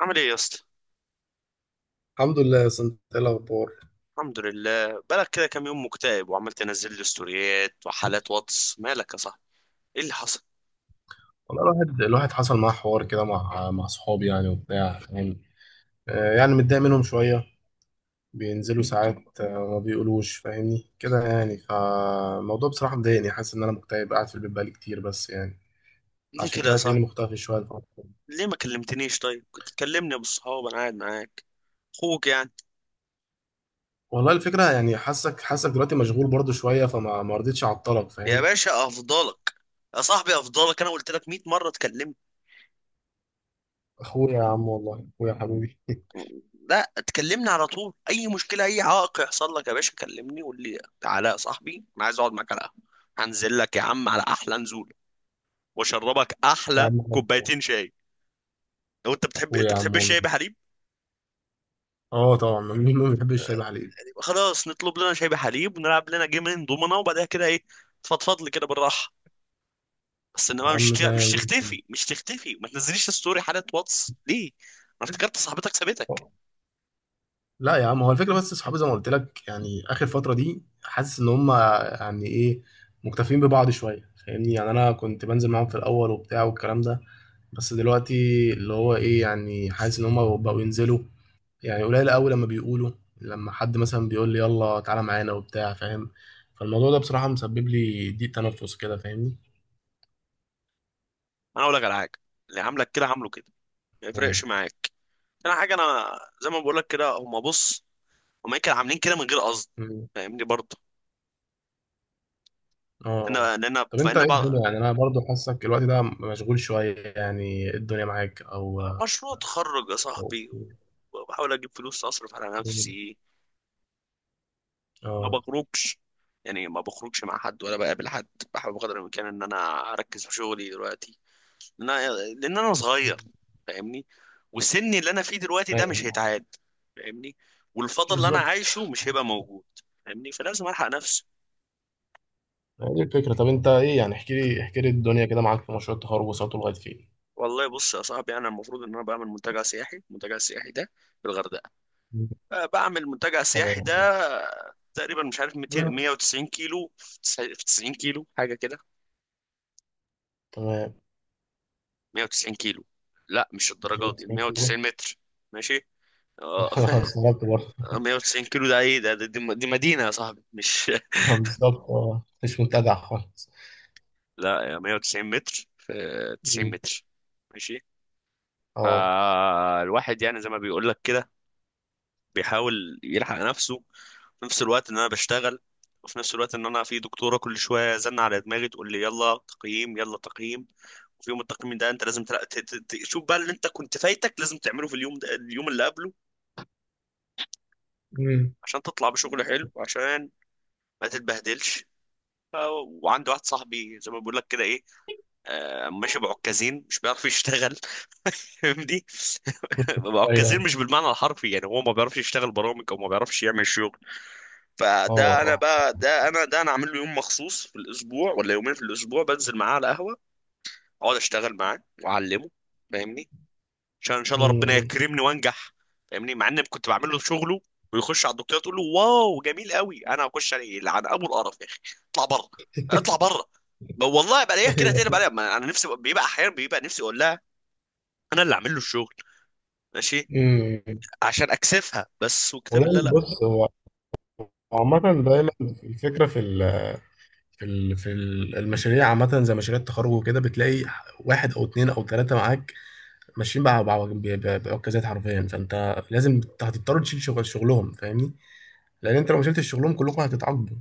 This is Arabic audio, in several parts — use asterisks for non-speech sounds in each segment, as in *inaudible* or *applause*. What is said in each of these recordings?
عامل ايه يا اسطى؟ الحمد لله يا سنت، ايه الاخبار؟ الحمد لله. بقالك كده كام يوم مكتئب وعمال تنزل لي ستوريات وحالات واتس، مالك يا صاحبي؟ ايه اللي حصل؟ والله الواحد حصل معاه حوار كده مع صحابي يعني وبتاع فاهم. يعني متضايق منهم شويه، بينزلوا ساعات. ما بيقولوش فاهمني كده يعني، فالموضوع بصراحه مضايقني، حاسس ان انا مكتئب قاعد في البيت بقالي كتير، بس يعني ليه عشان كده كده يا هتلاقيني صاحبي؟ مختفي شويه الفترة دي. ليه ما كلمتنيش؟ طيب كنت تكلمني، بالصحاب انا قاعد معاك، اخوك يعني. والله الفكره يعني حاسك دلوقتي مشغول برضو شويه، فما ما رضيتش اعطلك يا فاهم. باشا افضلك، يا صاحبي افضلك، انا قلت لك 100 مره تكلمني. اخويا يا عم والله، اخويا حبيبي. *laughs* لا، تكلمني على طول، اي مشكله اي عائق يحصل لك يا باشا كلمني وقول لي تعالى يا صاحبي، انا عايز اقعد معاك على القهوه. هنزل لك يا عم على احلى نزوله، واشربك يا احلى عم حبيبي. كوبايتين شاي. لو انت بتحب، اخويا انت يا عم بتحب والله. الشاي بحليب؟ اه طبعا، مين ما بيحبش الشاي بحليب. خلاص نطلب لنا شاي بحليب ونلعب لنا جيمين دومنا، وبعدها كده ايه، تفضفض لي كده بالراحه. بس يا انما مش عم مش تمام زي تختفي، مش تختفي، ما تنزليش ستوري حاله واتس، ليه؟ انا افتكرت صاحبتك سابتك. الفل. لا يا عم، هو الفكره بس صحابي زي ما قلت لك يعني، اخر فتره دي حاسس ان هم، يعني ايه، مكتفين ببعض شويه فاهمني. يعني انا كنت بنزل معاهم في الاول وبتاع والكلام ده، بس دلوقتي اللي هو ايه، يعني حاسس ان هم بقوا ينزلوا يعني قليل قوي لما بيقولوا، لما حد مثلا بيقول لي يلا تعالى معانا وبتاع فاهم. فالموضوع ده بصراحه مسبب لي ضيق تنفس كده فاهمني. انا اقول لك على حاجه، اللي عاملك كده عامله كده، ما مم. يفرقش معاك. انا حاجه، انا زي ما بقول لك كده هم، بص، هم كانوا عاملين كده من غير قصد. مم. فاهمني برضه؟ اه. انا لان طب انت فان ايه الدنيا، بقى، يعني انا برضو حاسك الوقت ده مشغول شويه، يعني إيه الدنيا معاك، او؟ مشروع تخرج يا أو. صاحبي، وبحاول اجيب فلوس اصرف على مم. نفسي. ما اه. بخرجش، يعني ما بخرجش مع حد ولا بقابل حد. بحاول بقدر الامكان ان انا اركز في شغلي دلوقتي، لان انا لان انا صغير. فاهمني؟ وسني اللي انا فيه دلوقتي ده مش فاهم. هيتعاد. فاهمني؟ والفضل اللي انا بالظبط. عايشه مش هيبقى موجود. فاهمني؟ فلازم الحق نفسي. هي دي الفكرة، طب انت ايه يعني، احكي لي احكي لي الدنيا كده معاك في مشروع التخرج، وصلت لغاية فين؟ والله بص يا صاحبي، انا المفروض ان انا بعمل منتجع سياحي. المنتجع السياحي ده في الغردقه. مم. بعمل منتجع سياحي اه. ده تقريبا مش عارف 200، 190 كيلو في 90 كيلو حاجه كده. تمام، 190 كيلو؟ لا مش الدرجه جبت دي، فيه كده. 190 متر. ماشي. اه. *laughs* اشتغلت برضه. *laughs* 190 كيلو ده ايه ده؟ دي, دي مدينه يا صاحبي مش. *laughs* بالظبط، اه مش متابع خالص. *laughs* لا يا 190 متر في 90 مم. متر. ماشي. اه. فالواحد يعني زي ما بيقول لك كده بيحاول يلحق نفسه، في نفس الوقت ان انا بشتغل، وفي نفس الوقت ان انا في دكتوره كل شويه زن على دماغي تقول لي يلا تقييم يلا تقييم. وفي يوم التقييم ده انت لازم شوف بقى اللي انت كنت فايتك لازم تعمله في اليوم ده، اليوم اللي قبله، مم. عشان تطلع بشغل حلو، عشان ما تتبهدلش. وعندي واحد صاحبي زي ما بقول لك كده ايه، ماشي بعكازين مش بيعرف يشتغل. *laughs* فاهمني؟ *laughs* بعكازين ايوه. مش بالمعنى الحرفي، يعني هو ما بيعرفش يشتغل برامج او ما بيعرفش يعمل شغل. اه. فده انا اه. بقى، ده انا عامل له يوم مخصوص في الاسبوع، ولا يومين في الاسبوع بنزل معاه على قهوه، اقعد اشتغل معاه واعلمه. فاهمني؟ عشان ان شاء الله ربنا مم. يكرمني وانجح. فاهمني؟ مع ان كنت بعمل له شغله ويخش على الدكتوره تقول له واو جميل قوي، انا هخش عليه لعن ابو القرف يا اخي، اطلع بره، اطلع *laughs* بره. والله بلاقيها كده تاني، ايوه. بلاقيها، ما انا نفسي، بيبقى احيانا بيبقى نفسي اقول لها انا اللي اعمل له الشغل، ماشي، مم. عشان اكسفها بس. وكتاب الله ودايما لا. بص هو، عامة دايما الفكرة في المشاريع عامة، زي مشاريع التخرج وكده، بتلاقي واحد أو اتنين أو تلاتة معاك ماشيين بعكازات حرفيا، فأنت لازم هتضطر تشيل شغلهم، فاهمني؟ لأن أنت لو ما شلتش شغلهم كلكم هتتعاقبوا.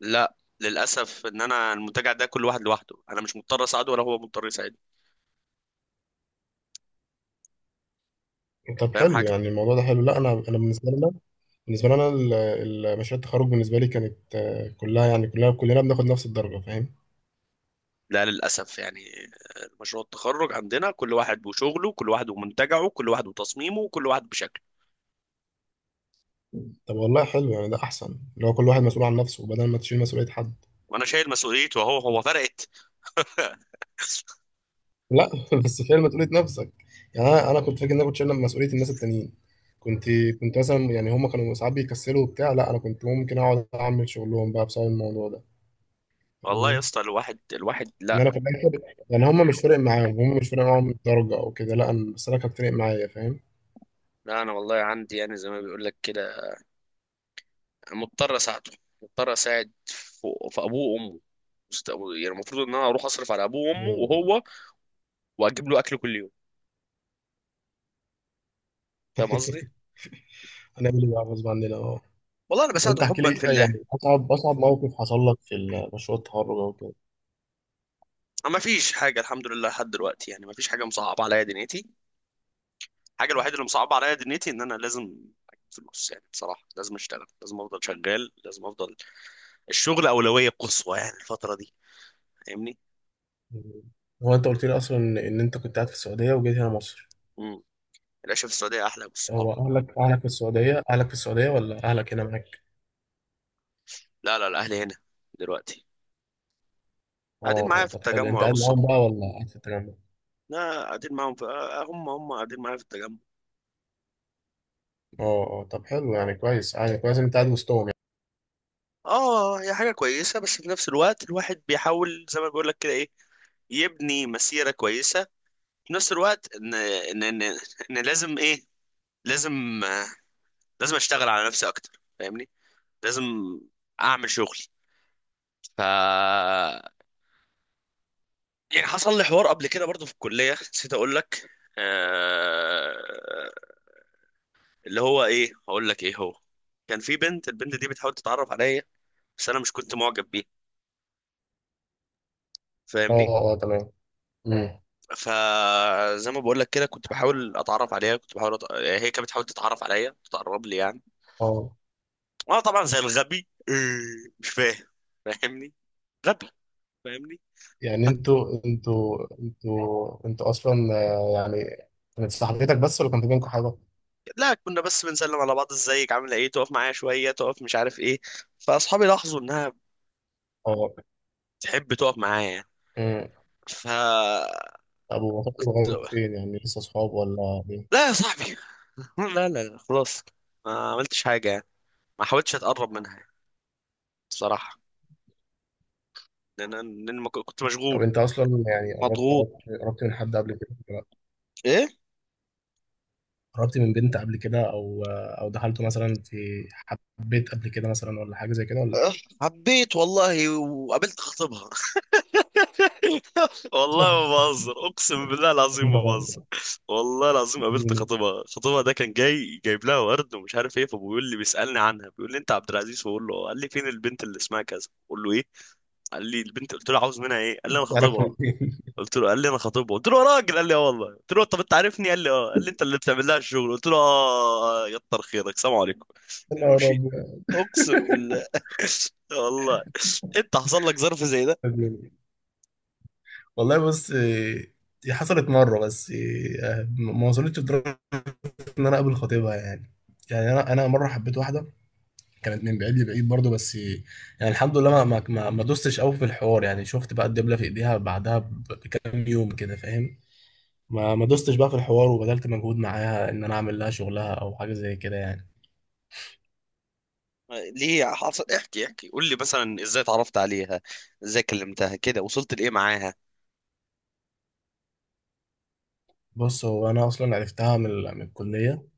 لا للاسف، ان انا المنتجع ده كل واحد لوحده، انا مش مضطر اساعده ولا هو مضطر يساعدني. طب فاهم حلو، حاجه؟ يعني الموضوع ده حلو. لا أنا بالنسبة لنا، مشاريع التخرج بالنسبة لي كانت، كلها يعني، كلنا بناخد نفس الدرجة، فاهم؟ لا للاسف يعني، مشروع التخرج عندنا كل واحد وشغله، كل واحد ومنتجعه، كل واحد وتصميمه، كل واحد بشكله. طب والله حلو يعني، ده أحسن اللي هو كل واحد مسؤول عن نفسه بدل ما تشيل مسؤولية حد. وانا شايل مسؤوليته اهو، هو فرقت؟ لا. *laughs* بس فعلا مسؤوليه نفسك. يعني انا كنت فاكر ان انا كنت شايل مسؤوليه الناس التانيين. كنت كنت مثلا، يعني هم كانوا ساعات بيكسلوا وبتاع، لا انا كنت ممكن اقعد اعمل شغلهم بقى بسبب الموضوع ده والله يا فاهمني، اسطى الواحد ان لا. انا في الاخر. يعني هم مش فارق معاهم الدرجه او كده، لا انا، بس انا كانت فارق معايا فاهم. لا انا والله عندي يعني زي ما بيقول لك كده، مضطر اساعده، مضطر اساعد في ابوه وامه، يعني المفروض ان انا اروح اصرف على ابوه وامه مم. وهو، واجيب له اكل كل يوم. فاهم قصدي؟ هنعمل ايه بقى غصب عننا. اه. والله انا طب انت بساعده احكي لي، حبا في الله. يعني اصعب موقف حصل لك في مشروع التخرج او كده. ما فيش حاجه الحمد لله لحد دلوقتي، يعني ما فيش حاجه مصعبه عليا دنيتي. الحاجه الوحيده اللي مصعبه عليا دنيتي ان انا لازم أجيب فلوس. يعني بصراحه لازم اشتغل، لازم افضل شغال، لازم افضل. الشغل اولويه قصوى يعني الفتره دي. فاهمني؟ مم. هو انت قلت لي اصلا إن انت كنت قاعد في السعوديه وجيت هنا مصر. العيشة في السعودية أحلى بالصحاب. هو أهلك في السعودية، ولا أهلك هنا معاك؟ لا لا، الأهل هنا دلوقتي. قاعدين اه معايا اه، في طب حلو، التجمع أنت يا قاعد بالصحاب، معاهم بقى ولا قاعد في التجمع؟ لا قاعدين معاهم في هم، هم قاعدين معايا في التجمع. اه اه، طب حلو، يعني كويس، يعني كويس إن أنت قاعد وسطهم يعني. اه، هي حاجة كويسة، بس في نفس الوقت الواحد بيحاول زي ما بيقول لك كده ايه، يبني مسيرة كويسة، في نفس الوقت إن لازم ايه، لازم آه، لازم اشتغل على نفسي اكتر. فاهمني؟ لازم اعمل شغل. ف يعني حصل لي حوار قبل كده برضو في الكلية نسيت اقول لك. آه... اللي هو ايه، هقول لك ايه هو، كان في بنت، البنت دي بتحاول تتعرف عليا، بس انا مش كنت معجب بيها. فاهمني؟ اه اه تمام. امم فزي ما بقول لك كده كنت بحاول اتعرف عليها، كنت بحاول يعني هي كانت بتحاول تتعرف عليا، تقرب لي يعني. اه، وانا طبعا زي الغبي *laughs* مش فاهم. فاهمني؟ غبي. فاهمني؟ يعني أنتوا أصلا، يعني كانت صاحبتك بس، ولا كان في بينكم حاجة؟ لا كنا بس بنسلم على بعض، ازيك عامله ايه، تقف معايا شويه، تقف مش عارف ايه. فاصحابي لاحظوا انها اه. بتحب تقف معايا يعني. امم ف طب وقفتوا لغاية فين، يعني لسه أصحاب ولا إيه؟ لا يا صاحبي. *laughs* لا لا لا، خلاص، ما عملتش حاجه يعني. ما حاولتش اتقرب منها يعني، بصراحه، لان لان ما كنت طب مشغول، أنت أصلا يعني قربت مضغوط. قربت قربت من حد قبل كده؟ ايه؟ قربت من بنت قبل كده، او دخلت مثلا في، حبيت قبل كده مثلا، ولا حاجه زي كده ولا. أه، حبيت والله وقابلت خطيبها. *laughs* والله ما *laughs* بهزر، اقسم بالله يا العظيم ما نهار بهزر. أبيض. والله العظيم قابلت ادمني. خطيبها. خطيبها ده كان جاي جايب لها ورد ومش عارف ايه، فبيقول لي بيسالني عنها، بيقول لي انت عبد العزيز، فبقول له، قال لي فين البنت اللي اسمها كذا، بقول له ايه، قال لي البنت، قلت له عاوز منها ايه، قال لي انا تعرفوا خطيبها، منين. *laughs* قلت له قال لي انا خطيبها، قلت له يا راجل، قال لي اه والله، قلت له طب انت عارفني، قال لي اه، قال لي انت اللي بتعمل لها الشغل، قلت له اه يكتر خيرك سلام عليكم، يا نهار ومشي، أبيض. اقسم بالله. *laughs* والله. انت حصل لك ظرف زي ده؟ ادمني. والله بص إيه، دي حصلت مره بس إيه، ما وصلتش لدرجه ان انا اقابل خطيبها يعني. يعني انا مره حبيت واحده، كانت من بعيد لبعيد برضه بس إيه، يعني الحمد لله ما دوستش قوي في الحوار، يعني شفت بقى الدبله في ايديها بعدها بكام يوم كده فاهم. ما دوستش بقى في الحوار، وبذلت مجهود معاها ان انا اعمل لها شغلها او حاجه زي كده يعني. ليه حصل، احكي احكي، قول لي مثلا ازاي اتعرفت عليها، ازاي كلمتها، كده وصلت لايه معاها. بص هو انا اصلا عرفتها من من الكليه.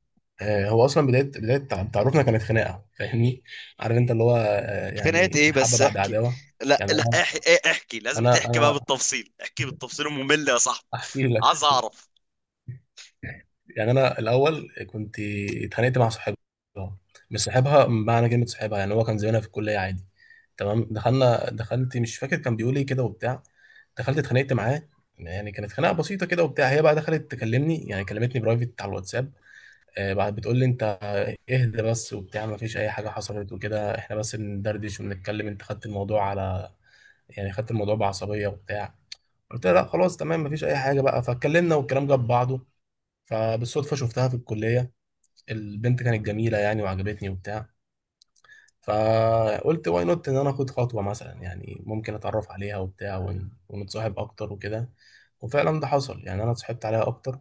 هو اصلا بدايه بدايه تعرفنا كانت خناقه فاهمني، عارف انت اللي هو، خناقات يعني ايه محبه بس بعد احكي. عداوه. لا يعني لا انا احكي, احكي. لازم انا تحكي بقى انا بالتفصيل، احكي بالتفصيل الممل يا صاحبي، احكي عايز لك. اعرف. يعني انا الاول كنت اتخانقت مع صاحبها، مش صاحبها بمعنى كلمه صاحبها، يعني هو كان زميلها في الكليه عادي. تمام. دخلت مش فاكر كان بيقول ايه كده وبتاع، دخلت اتخانقت معاه، يعني كانت خناقه بسيطه كده وبتاع. هي بقى دخلت تكلمني، يعني كلمتني برايفت على الواتساب، بعد بتقول لي انت اهدى بس وبتاع، ما فيش اي حاجه حصلت وكده، احنا بس بندردش وبنتكلم. انت خدت الموضوع على، يعني خدت الموضوع بعصبيه وبتاع. قلت لها لا خلاص تمام، ما فيش اي حاجه بقى، فاتكلمنا والكلام جاب بعضه. فبالصدفه شفتها في الكليه، البنت كانت جميلة يعني وعجبتني وبتاع. فقلت واي نوت ان انا اخد خطوة مثلا، يعني ممكن اتعرف عليها وبتاع ونتصاحب اكتر وكده، وفعلا ده حصل، يعني انا اتصاحبت عليها اكتر.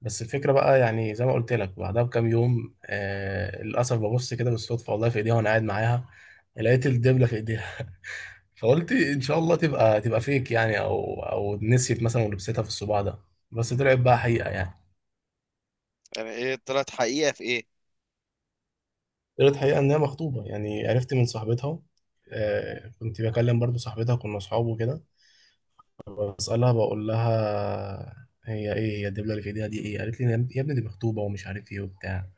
بس الفكرة بقى يعني زي ما قلت لك، بعدها بكام يوم للأسف ببص كده بالصدفة والله في ايديها، وانا قاعد معاها، لقيت الدبلة في ايديها. *laughs* فقلت ان شاء الله تبقى فيك، يعني او نسيت مثلا ولبستها في الصباع ده، بس طلعت بقى حقيقة يعني. يعني ايه طلعت حقيقة في طلعت الحقيقة إنها مخطوبة، يعني عرفت من صاحبتها. كنت بكلم برضو صاحبتها، كنا صحاب وكده، بسألها بقول لها هي إيه، هي الدبلة اللي في إيديها دي إيه، قالت لي يا ابني دي مخطوبة ومش عارف إيه وبتاع.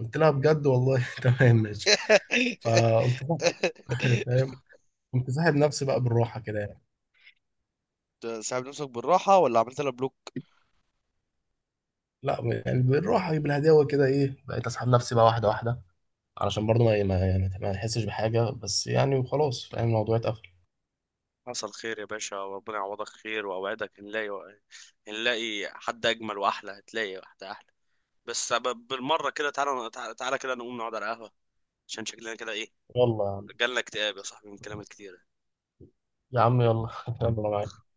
قلت لها بجد والله. *laughs* تمام ماشي. ايه؟ فقمت. *laughs* *laughs* فاهم. قمت ساحب نفسي بقى بالراحة كده يعني. ساعد نفسك بالراحة ولا عملت لها بلوك؟ لا يعني بالراحة بالهداوة كده إيه، بقيت أسحب نفسي بقى واحدة واحدة، علشان برضو ما ما يعني ما أحسش بحاجة بس يعني، وخلاص يعني الموضوع اتقفل. حصل خير يا باشا، وربنا يعوضك خير، واوعدك هنلاقي، هنلاقي حد اجمل واحلى، هتلاقي واحده احلى. بس بالمره كده، تعالى كده نقوم نقعد على قهوه، عشان شكلنا كده ايه، يلا، جالنا اكتئاب يا صاحبي من الكلام الكتير. يا عم يا عم يلا. *laughs* يلا معاك.